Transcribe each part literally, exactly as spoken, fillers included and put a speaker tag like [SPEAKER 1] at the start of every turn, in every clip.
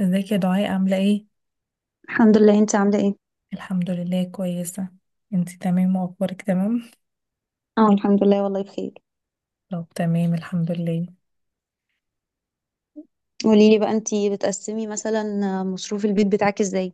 [SPEAKER 1] ازيك يا دعاء عاملة ايه؟
[SPEAKER 2] الحمد لله، انت عامله ايه؟
[SPEAKER 1] الحمد لله، كويسة. انتي تمام واخبارك تمام؟
[SPEAKER 2] اه، الحمد لله والله بخير.
[SPEAKER 1] طب، تمام الحمد لله.
[SPEAKER 2] قولي لي بقى، انت بتقسمي مثلا مصروف البيت بتاعك ازاي؟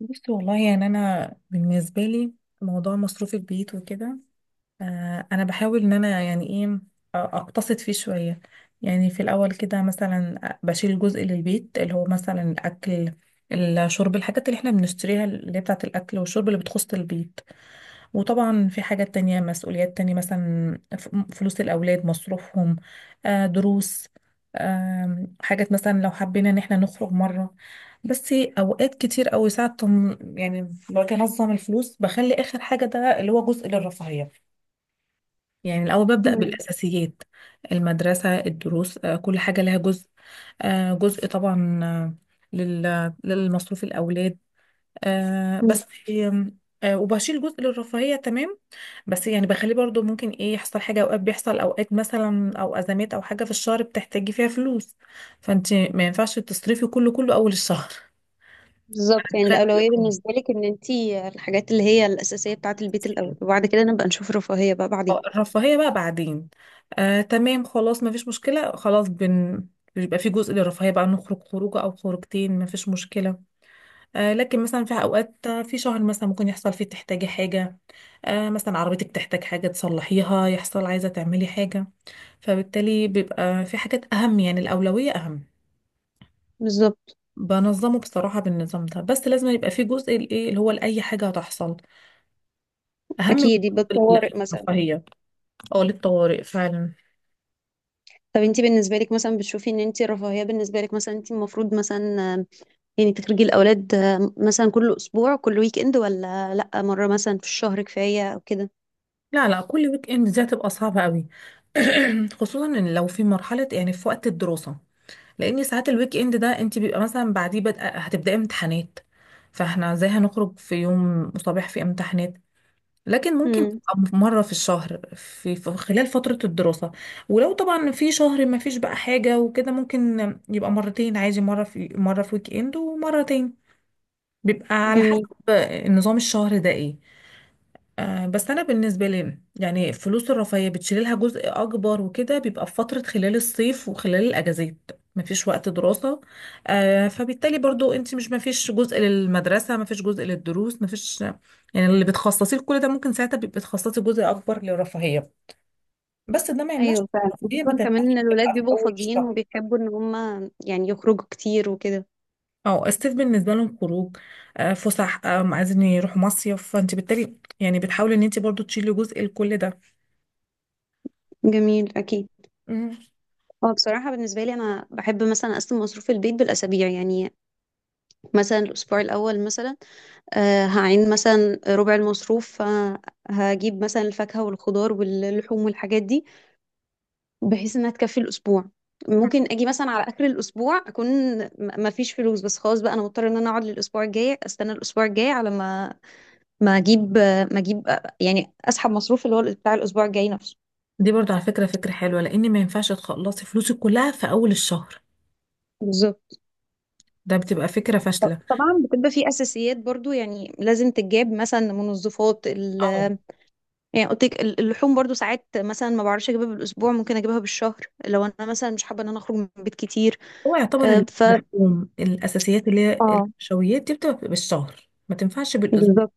[SPEAKER 1] بصي والله، يعني انا بالنسبة لي موضوع مصروف البيت وكده، آه انا بحاول ان انا يعني ايه، آه، اقتصد فيه شوية. يعني في الاول كده مثلا بشيل جزء للبيت، اللي هو مثلا الاكل، الشرب، الحاجات اللي احنا بنشتريها اللي هي بتاعة الاكل والشرب اللي بتخص البيت. وطبعا في حاجات تانية، مسؤوليات تانية، مثلا ف- فلوس الأولاد، مصروفهم، آه، دروس، آم، حاجات مثلا لو حبينا إن احنا نخرج مرة. بس أوقات كتير أوي، ساعة تم- يعني باجي أنظم الفلوس بخلي آخر حاجة ده اللي هو جزء للرفاهية. يعني الأول ببدأ
[SPEAKER 2] مم.
[SPEAKER 1] بالأساسيات، المدرسة، الدروس، آه، كل حاجة لها جزء، آه، جزء طبعا آه، لل- للمصروف الأولاد آه
[SPEAKER 2] مم.
[SPEAKER 1] بس. آم، آه وبشيل جزء للرفاهية تمام، بس يعني بخليه برضو ممكن ايه يحصل حاجة، اوقات بيحصل اوقات مثلا او ازمات او حاجة في الشهر بتحتاجي فيها فلوس. فانت ما ينفعش تصرفي كله كله اول الشهر.
[SPEAKER 2] بالظبط، يعني
[SPEAKER 1] خلي
[SPEAKER 2] الأولوية
[SPEAKER 1] يكون
[SPEAKER 2] بالنسبة لك إن أنت الحاجات اللي هي الأساسية بتاعة البيت الأول،
[SPEAKER 1] أساسية.
[SPEAKER 2] وبعد كده نبقى نشوف رفاهية بقى بعدين.
[SPEAKER 1] آه، الرفاهية بقى بعدين. آه تمام، خلاص ما فيش مشكلة، خلاص بن بيبقى في جزء للرفاهية بقى، نخرج خروجة او خروجتين، ما فيش مشكلة. آه، لكن مثلا في اوقات، آه، في شهر مثلا ممكن يحصل فيه تحتاجي حاجه، آه، مثلا عربيتك تحتاج حاجه تصلحيها، يحصل عايزه تعملي حاجه، فبالتالي بيبقى في حاجات اهم، يعني الاولويه اهم.
[SPEAKER 2] بالظبط.
[SPEAKER 1] بنظمه بصراحه بالنظام ده، بس لازم يبقى في جزء الايه اللي هو لاي حاجه هتحصل اهم من
[SPEAKER 2] أكيد، يبقى
[SPEAKER 1] جزء
[SPEAKER 2] الطوارئ مثلا.
[SPEAKER 1] الرفاهيه، او للطوارئ فعلا.
[SPEAKER 2] طب أنت بالنسبة لك مثلا بتشوفي إن أنت الرفاهية بالنسبة لك مثلا أنت المفروض مثلا آم، يعني تخرجي الأولاد، آم، مثلا كل أسبوع كل ويك إند، ولا لأ مرة مثلا في الشهر كفاية أو كده؟
[SPEAKER 1] لا لا كل ويك اند دي هتبقى صعبه قوي. خصوصا ان لو في مرحله، يعني في وقت الدراسه، لان ساعات الويك اند ده انت بيبقى مثلا بعديه بدأ هتبداي امتحانات، فاحنا ازاي هنخرج في يوم صباح في امتحانات؟ لكن ممكن
[SPEAKER 2] امم
[SPEAKER 1] تبقى مرة في الشهر، في في خلال فترة الدراسة. ولو طبعا في شهر ما فيش بقى حاجة وكده، ممكن يبقى مرتين عادي، مرة في مرة في ويك اند ومرتين، بيبقى على حسب
[SPEAKER 2] جميل.
[SPEAKER 1] نظام الشهر ده ايه. آه، بس انا بالنسبه لي يعني فلوس الرفاهيه بتشيل لها جزء اكبر، وكده بيبقى في فتره خلال الصيف وخلال الاجازات مفيش وقت دراسه، آه، فبالتالي برضو انت مش مفيش جزء للمدرسه، مفيش جزء للدروس، مفيش يعني اللي بتخصصيه لكل ده، ممكن ساعتها بيبقى بتخصصي جزء اكبر للرفاهيه. بس ده ما يمنعش
[SPEAKER 2] ايوه
[SPEAKER 1] إن
[SPEAKER 2] فعلا،
[SPEAKER 1] الرفاهيه ما
[SPEAKER 2] خصوصا كمان
[SPEAKER 1] تنفعش
[SPEAKER 2] ان
[SPEAKER 1] تبقى
[SPEAKER 2] الولاد
[SPEAKER 1] في
[SPEAKER 2] بيبقوا
[SPEAKER 1] اول
[SPEAKER 2] فاضيين
[SPEAKER 1] الشهر.
[SPEAKER 2] وبيحبوا ان هم يعني يخرجوا كتير وكده.
[SPEAKER 1] اه الصيف بالنسبه لهم خروج، آه، فسح، آه، عايزين يروحوا مصيف، فانت بالتالي يعني بتحاولي ان انت برضو تشيلي جزء لكل
[SPEAKER 2] جميل، اكيد.
[SPEAKER 1] ده.
[SPEAKER 2] هو بصراحة بالنسبة لي أنا بحب مثلا أقسم مصروف البيت بالأسابيع، يعني مثلا الأسبوع الأول مثلا آه هعين مثلا ربع المصروف، آه، هجيب مثلا الفاكهة والخضار واللحوم والحاجات دي بحيث إنها تكفي الأسبوع. ممكن أجي مثلا على آخر الأسبوع أكون م- مفيش فلوس، بس خلاص بقى أنا مضطرة إن أنا أقعد للأسبوع الجاي، أستنى الأسبوع الجاي على ما ما اجيب ما اجيب، يعني اسحب مصروف اللي هو بتاع الاسبوع الجاي نفسه.
[SPEAKER 1] دي برضو على فكرة فكرة حلوة، لأن ما ينفعش تخلصي فلوسك كلها في أول الشهر،
[SPEAKER 2] بالظبط.
[SPEAKER 1] ده بتبقى فكرة
[SPEAKER 2] ط-
[SPEAKER 1] فاشلة.
[SPEAKER 2] طبعا بتبقى في اساسيات برضو، يعني لازم تتجاب مثلا منظفات ال
[SPEAKER 1] اه
[SPEAKER 2] يعني قلت لك ال- اللحوم برضو ساعات مثلا ما بعرفش اجيبها بالاسبوع، ممكن اجيبها بالشهر لو انا مثلا مش حابه ان انا اخرج من البيت كتير.
[SPEAKER 1] هو
[SPEAKER 2] آه،
[SPEAKER 1] يعتبر
[SPEAKER 2] ف
[SPEAKER 1] اللحوم، الأساسيات اللي هي
[SPEAKER 2] اه
[SPEAKER 1] النشويات دي بتبقى بالشهر، ما تنفعش بالأسبوع.
[SPEAKER 2] بالظبط.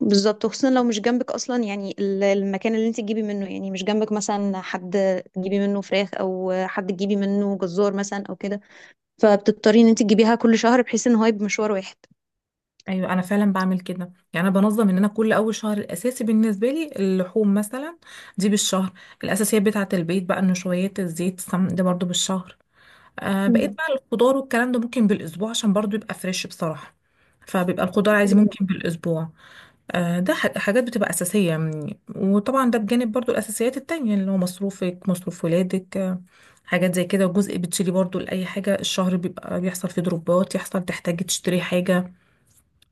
[SPEAKER 2] بالظبط، وخصوصا لو مش جنبك اصلا، يعني ال- المكان اللي انت تجيبي منه، يعني مش جنبك مثلا حد تجيبي منه فراخ او حد تجيبي منه جزار مثلا او كده، فبتضطري ان انت تجيبيها كل شهر بحيث ان هو يبقى مشوار واحد.
[SPEAKER 1] أيوة أنا فعلا بعمل كده، يعني أنا بنظم إن أنا كل أول شهر الأساسي بالنسبة لي اللحوم مثلا دي بالشهر، الأساسيات بتاعة البيت بقى، النشويات، الزيت، السمن، ده برضو بالشهر. آه بقيت
[SPEAKER 2] مم.
[SPEAKER 1] بقى الخضار والكلام ده ممكن بالأسبوع عشان برضو يبقى فريش بصراحة، فبيبقى الخضار عادي ممكن
[SPEAKER 2] أيوة،
[SPEAKER 1] بالأسبوع. آه، ده ح- حاجات بتبقى أساسية يعني. وطبعا ده بجانب برضو الأساسيات التانية اللي هو مصروفك، مصروف ولادك، آه، حاجات زي كده، وجزء بتشيلي برضو لأي حاجة الشهر بيبقى بيحصل فيه ضروبات، يحصل تحتاجي تشتري حاجة،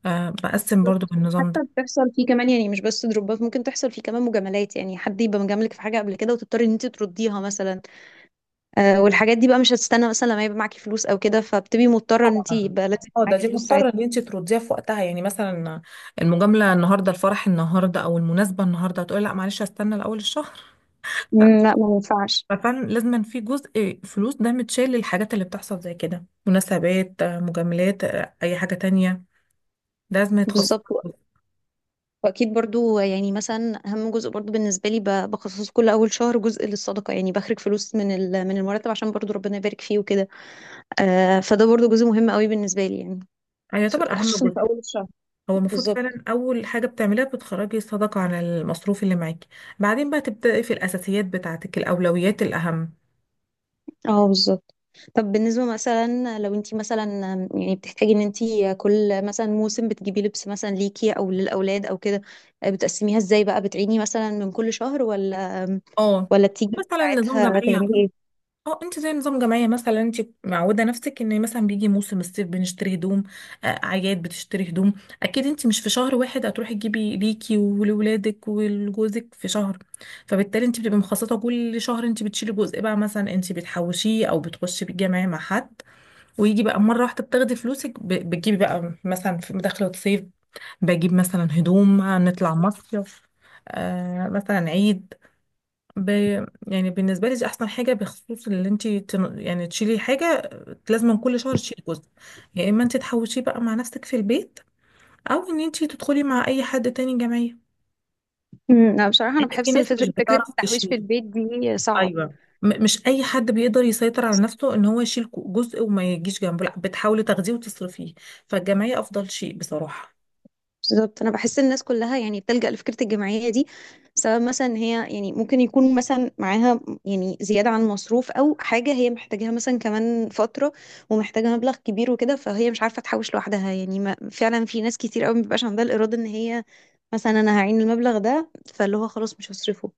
[SPEAKER 1] آه، بقسم برضو
[SPEAKER 2] بالظبط.
[SPEAKER 1] بالنظام ده.
[SPEAKER 2] حتى بتحصل فيه كمان، يعني مش بس دروبات، ممكن تحصل فيه كمان مجاملات، يعني حد يبقى مجاملك في حاجه قبل كده وتضطري ان انت ترديها مثلا. آه والحاجات دي بقى مش هتستنى مثلا لما يبقى معاكي فلوس او كده، فبتبقي مضطره ان انت
[SPEAKER 1] طبعا
[SPEAKER 2] يبقى لازم
[SPEAKER 1] اه ده
[SPEAKER 2] معاكي
[SPEAKER 1] دي
[SPEAKER 2] فلوس ساعتها.
[SPEAKER 1] مضطرة ان انت ترديها في وقتها، يعني مثلا المجاملة النهاردة، الفرح النهاردة، او المناسبة النهاردة، هتقولي لا معلش هستنى لأول الشهر؟ لا.
[SPEAKER 2] مم، لا، ما ينفعش.
[SPEAKER 1] ففعلا لازم في جزء فلوس ده متشال للحاجات اللي بتحصل زي كده، مناسبات، آه، مجاملات، آه، اي حاجة تانية، لازم يتخصص.
[SPEAKER 2] بالظبط. واكيد برضو يعني مثلا اهم جزء برضو بالنسبه لي ب- بخصص كل اول شهر جزء للصدقه، يعني بخرج فلوس من ال- من المرتب عشان برضو ربنا يبارك فيه وكده. آه فده برضو جزء مهم قوي بالنسبه لي يعني،
[SPEAKER 1] يعني يعتبر اهم
[SPEAKER 2] خصوصا
[SPEAKER 1] جزء،
[SPEAKER 2] في اول الشهر.
[SPEAKER 1] هو المفروض
[SPEAKER 2] بالظبط.
[SPEAKER 1] فعلا اول حاجه بتعمليها بتخرجي صداقه عن المصروف اللي معاكي، بعدين بقى تبداي في الاساسيات بتاعتك، الاولويات الاهم.
[SPEAKER 2] اه، بالظبط. طب بالنسبة مثلا لو انتي مثلا يعني بتحتاجي ان انتي كل مثلا موسم بتجيبي لبس مثلا ليكي او للاولاد او كده، بتقسميها ازاي بقى؟ بتعيني مثلا من كل شهر، ولا
[SPEAKER 1] اه
[SPEAKER 2] ولا بتيجي
[SPEAKER 1] مثلا نظام
[SPEAKER 2] ساعتها
[SPEAKER 1] جمعيه.
[SPEAKER 2] تعملي ايه؟
[SPEAKER 1] اه انت زي نظام جمعيه، مثلا انت معوده نفسك ان مثلا بيجي موسم الصيف بنشتري هدوم، آه، اعياد بتشتري هدوم، اكيد انت مش في شهر واحد هتروحي تجيبي ليكي ولولادك ولجوزك في شهر، فبالتالي انت بتبقي مخصصه كل شهر، انت بتشيلي جزء بقى مثلا، انت بتحوشيه او بتخشي بالجمعيه مع حد، ويجي بقى مرة واحدة بتاخدي فلوسك ب- بتجيبي بقى مثلا في دخلة صيف، بجيب مثلا هدوم، نطلع مصيف، آه مثلا عيد. ب... يعني بالنسبة لي دي أحسن حاجة، بخصوص اللي انت تن... يعني تشيلي حاجة، لازم كل شهر تشيلي جزء، يا إما انت تحوشيه بقى مع نفسك في البيت، أو إن انت تدخلي مع أي حد تاني جمعية.
[SPEAKER 2] امم، لا، بصراحة انا
[SPEAKER 1] يعني في
[SPEAKER 2] بحس ان
[SPEAKER 1] ناس مش
[SPEAKER 2] فكرة فكرة
[SPEAKER 1] بتعرف
[SPEAKER 2] التحويش في
[SPEAKER 1] تشيل.
[SPEAKER 2] البيت دي صعب.
[SPEAKER 1] ايوه، م- مش اي حد بيقدر يسيطر على نفسه ان هو يشيل كو- جزء وما يجيش جنبه، لا بتحاولي تاخديه وتصرفيه، فالجمعيه افضل شيء بصراحه.
[SPEAKER 2] بالضبط، انا بحس الناس كلها يعني بتلجأ لفكره الجمعيه دي، سبب مثلا ان هي يعني ممكن يكون مثلا معاها يعني زياده عن المصروف او حاجه هي محتاجاها مثلا كمان فتره، ومحتاجه مبلغ كبير وكده، فهي مش عارفه تحوش لوحدها. يعني ما فعلا في ناس كتير قوي ما بيبقاش عندها الاراده ان هي مثلا انا هعين المبلغ ده فاللي هو خلاص مش هصرفه،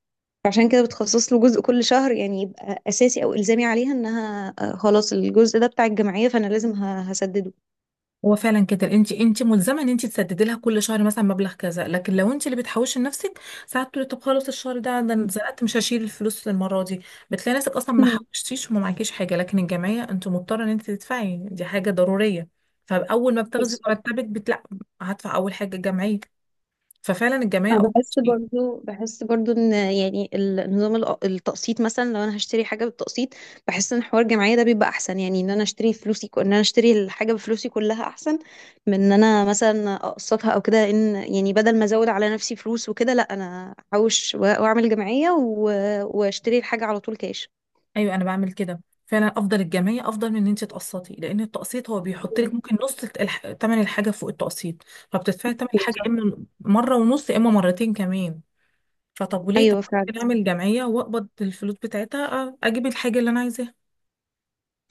[SPEAKER 2] فعشان كده بتخصص له جزء كل شهر، يعني يبقى اساسي او الزامي عليها انها آه، خلاص الجزء ده بتاع الجمعيه فانا لازم ه- هسدده.
[SPEAKER 1] هو فعلا كده، انت انت ملزمه ان انت تسددي لها كل شهر مثلا مبلغ كذا، لكن لو انت اللي بتحوشي لنفسك، ساعات تقولي طب خلاص الشهر ده، ده انا اتزنقت مش هشيل الفلوس للمره دي، بتلاقي نفسك اصلا ما حوشتيش وما معكيش حاجه، لكن الجمعيه انت مضطره ان انت تدفعي، دي حاجه ضروريه. فاول ما بتاخدي
[SPEAKER 2] مم.
[SPEAKER 1] مرتبك بتلا هدفع اول حاجه الجمعيه، ففعلا الجمعيه
[SPEAKER 2] انا
[SPEAKER 1] افضل
[SPEAKER 2] بحس
[SPEAKER 1] شيء.
[SPEAKER 2] برضو بحس برضو ان يعني النظام الأ- التقسيط، مثلا لو انا هشتري حاجه بالتقسيط بحس ان حوار الجمعيه ده بيبقى احسن، يعني ان انا اشتري فلوسي ان انا اشتري الحاجه بفلوسي كلها احسن من ان انا مثلا اقسطها او كده، لان يعني بدل ما ازود على نفسي فلوس وكده لا انا احوش و- واعمل جمعيه و- واشتري الحاجه على طول كاش.
[SPEAKER 1] ايوه انا بعمل كده فعلا، افضل الجمعيه افضل من ان انت تقسطي، لان التقسيط هو بيحط لك ممكن نص الح- تمن الحاجه فوق التقسيط، فبتدفعي تمن الحاجه
[SPEAKER 2] بالظبط.
[SPEAKER 1] اما مره ونص اما مرتين كمان. فطب وليه؟ طب
[SPEAKER 2] ايوه فعلا،
[SPEAKER 1] ممكن اعمل جمعيه واقبض الفلوس بتاعتها، أ- اجيب الحاجه اللي انا عايزاها،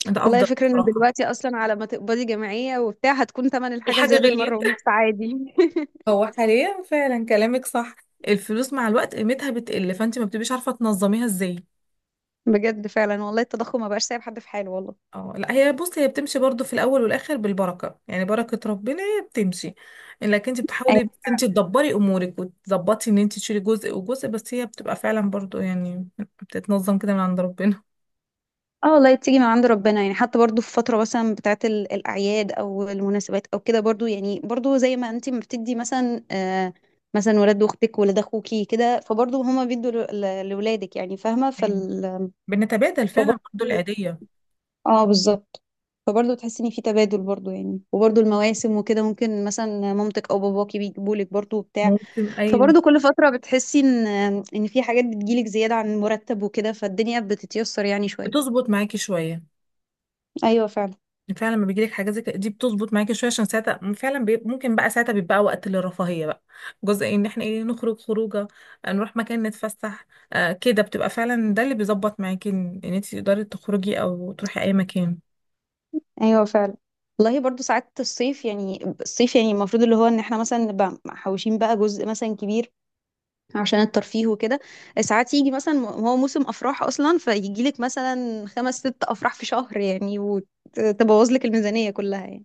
[SPEAKER 1] ده
[SPEAKER 2] والله
[SPEAKER 1] افضل
[SPEAKER 2] الفكره ان
[SPEAKER 1] بصراحه.
[SPEAKER 2] دلوقتي اصلا على ما تقبضي جمعيه وبتاع هتكون ثمن الحاجه
[SPEAKER 1] الحاجه
[SPEAKER 2] زادت مره
[SPEAKER 1] غليت.
[SPEAKER 2] ونص عادي.
[SPEAKER 1] هو حاليا فعلا كلامك صح، الفلوس مع الوقت قيمتها بتقل، فانت ما بتبقيش عارفه تنظميها ازاي.
[SPEAKER 2] بجد فعلا، والله التضخم ما بقاش سايب حد في حاله والله.
[SPEAKER 1] اه لا هي بص، هي بتمشي برضو في الاول والاخر بالبركه، يعني بركه ربنا هي بتمشي، لكن انت
[SPEAKER 2] أيوة.
[SPEAKER 1] بتحاولي بس انت تدبري امورك وتظبطي ان انت تشيلي جزء وجزء، بس هي بتبقى فعلا برضو يعني بتتنظم كده من عند ربنا.
[SPEAKER 2] اه، والله تيجي من عند ربنا، يعني حتى برضو في فترة مثلا بتاعت ال- الأعياد أو المناسبات أو كده، برضو يعني برضو زي ما انتي ما بتدي مثلا، آه مثلا ولاد أختك ولاد أخوكي كده، فبرضو هما بيدوا ل- ل- لولادك، يعني فاهمة
[SPEAKER 1] ايوه
[SPEAKER 2] فال
[SPEAKER 1] بنتبادل فعلا برضو
[SPEAKER 2] فبرضو.
[SPEAKER 1] العيديه.
[SPEAKER 2] اه، بالظبط. فبرضو تحسي إن في تبادل برضو، يعني وبرضو المواسم وكده ممكن مثلا مامتك أو باباكي بيجيبولك برضو بتاع.
[SPEAKER 1] موسم ايوه.
[SPEAKER 2] فبرضه كل فترة بتحسي ان ان في حاجات بتجيلك زيادة عن المرتب وكده، فالدنيا بتتيسر يعني شوية.
[SPEAKER 1] بتظبط معاكي شويه،
[SPEAKER 2] ايوه فعلا.
[SPEAKER 1] فعلا لما بيجيلك حاجه زي كده دي بتظبط معاكي شويه، عشان ساعتها فعلا بي... ممكن بقى ساعتها بيبقى وقت للرفاهيه بقى، جزء ان احنا ايه نخرج خروجه، آه، نروح مكان نتفسح، آه كده بتبقى فعلا ده اللي بيظبط معاكي ان انت تقدري تخرجي او تروحي اي مكان.
[SPEAKER 2] ايوه فعلا، والله برضه ساعات الصيف يعني الصيف يعني المفروض اللي هو ان احنا مثلا نبقى محوشين بقى جزء مثلا كبير عشان الترفيه وكده. ساعات يجي مثلا م- هو موسم افراح اصلا، فيجي لك مثلا خمس ست افراح في شهر يعني، وتبوظ لك الميزانية كلها يعني.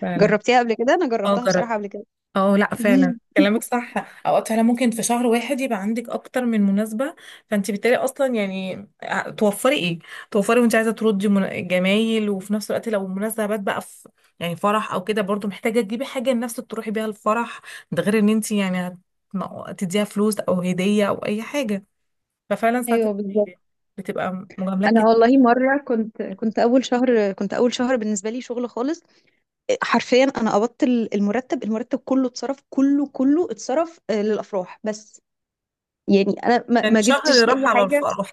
[SPEAKER 1] فعلا.
[SPEAKER 2] جربتيها قبل كده؟ انا
[SPEAKER 1] اه
[SPEAKER 2] جربتها
[SPEAKER 1] جربي.
[SPEAKER 2] بصراحة قبل كده.
[SPEAKER 1] اه لا فعلا كلامك صح. اوقات فعلا ممكن في شهر واحد يبقى عندك اكتر من مناسبه، فانت بالتالي اصلا يعني ع- توفري ايه، توفري وانت عايزه تردي من- جمايل، وفي نفس الوقت لو مناسبات بقى في يعني فرح او كده، برضو محتاجه تجيبي حاجه لنفسك تروحي بيها الفرح، ده غير ان انت يعني هت- تديها فلوس او هديه او اي حاجه، ففعلا ساعات
[SPEAKER 2] ايوه بالظبط.
[SPEAKER 1] بتبقى مجاملات
[SPEAKER 2] انا
[SPEAKER 1] كتير.
[SPEAKER 2] والله مره كنت كنت اول شهر كنت اول شهر بالنسبه لي شغل خالص، حرفيا انا قبضت ال- المرتب المرتب كله اتصرف، كله كله اتصرف آه، للافراح بس، يعني انا ما
[SPEAKER 1] يعني
[SPEAKER 2] ما جبتش
[SPEAKER 1] شهر
[SPEAKER 2] اي
[SPEAKER 1] راح على
[SPEAKER 2] حاجه.
[SPEAKER 1] الفرح.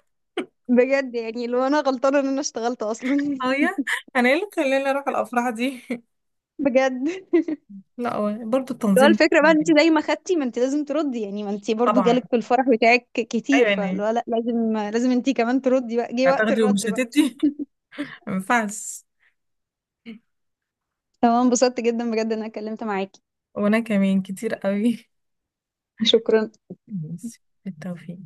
[SPEAKER 2] بجد يعني لو انا غلطانه ان انا اشتغلت اصلا.
[SPEAKER 1] اه يا انا ايه اللي خلاني اروح الافراح دي؟
[SPEAKER 2] بجد.
[SPEAKER 1] لا هو برضو
[SPEAKER 2] لو
[SPEAKER 1] التنظيم.
[SPEAKER 2] الفكره بقى إن انت زي ما خدتي ما انت لازم تردي، يعني ما انت برضو
[SPEAKER 1] طبعا.
[SPEAKER 2] جالك في الفرح بتاعك كتير،
[SPEAKER 1] ايوه يعني
[SPEAKER 2] فلو لا لازم لازم انت كمان تردي بقى، جه وقت
[SPEAKER 1] هتاخدي ومش
[SPEAKER 2] الرد بقى.
[SPEAKER 1] هتدي؟ ما ينفعش.
[SPEAKER 2] تمام، انبسطت جدا بجد ان انا اتكلمت معاكي.
[SPEAKER 1] وانا كمان كتير قوي.
[SPEAKER 2] شكرا.
[SPEAKER 1] ماشي بالتوفيق.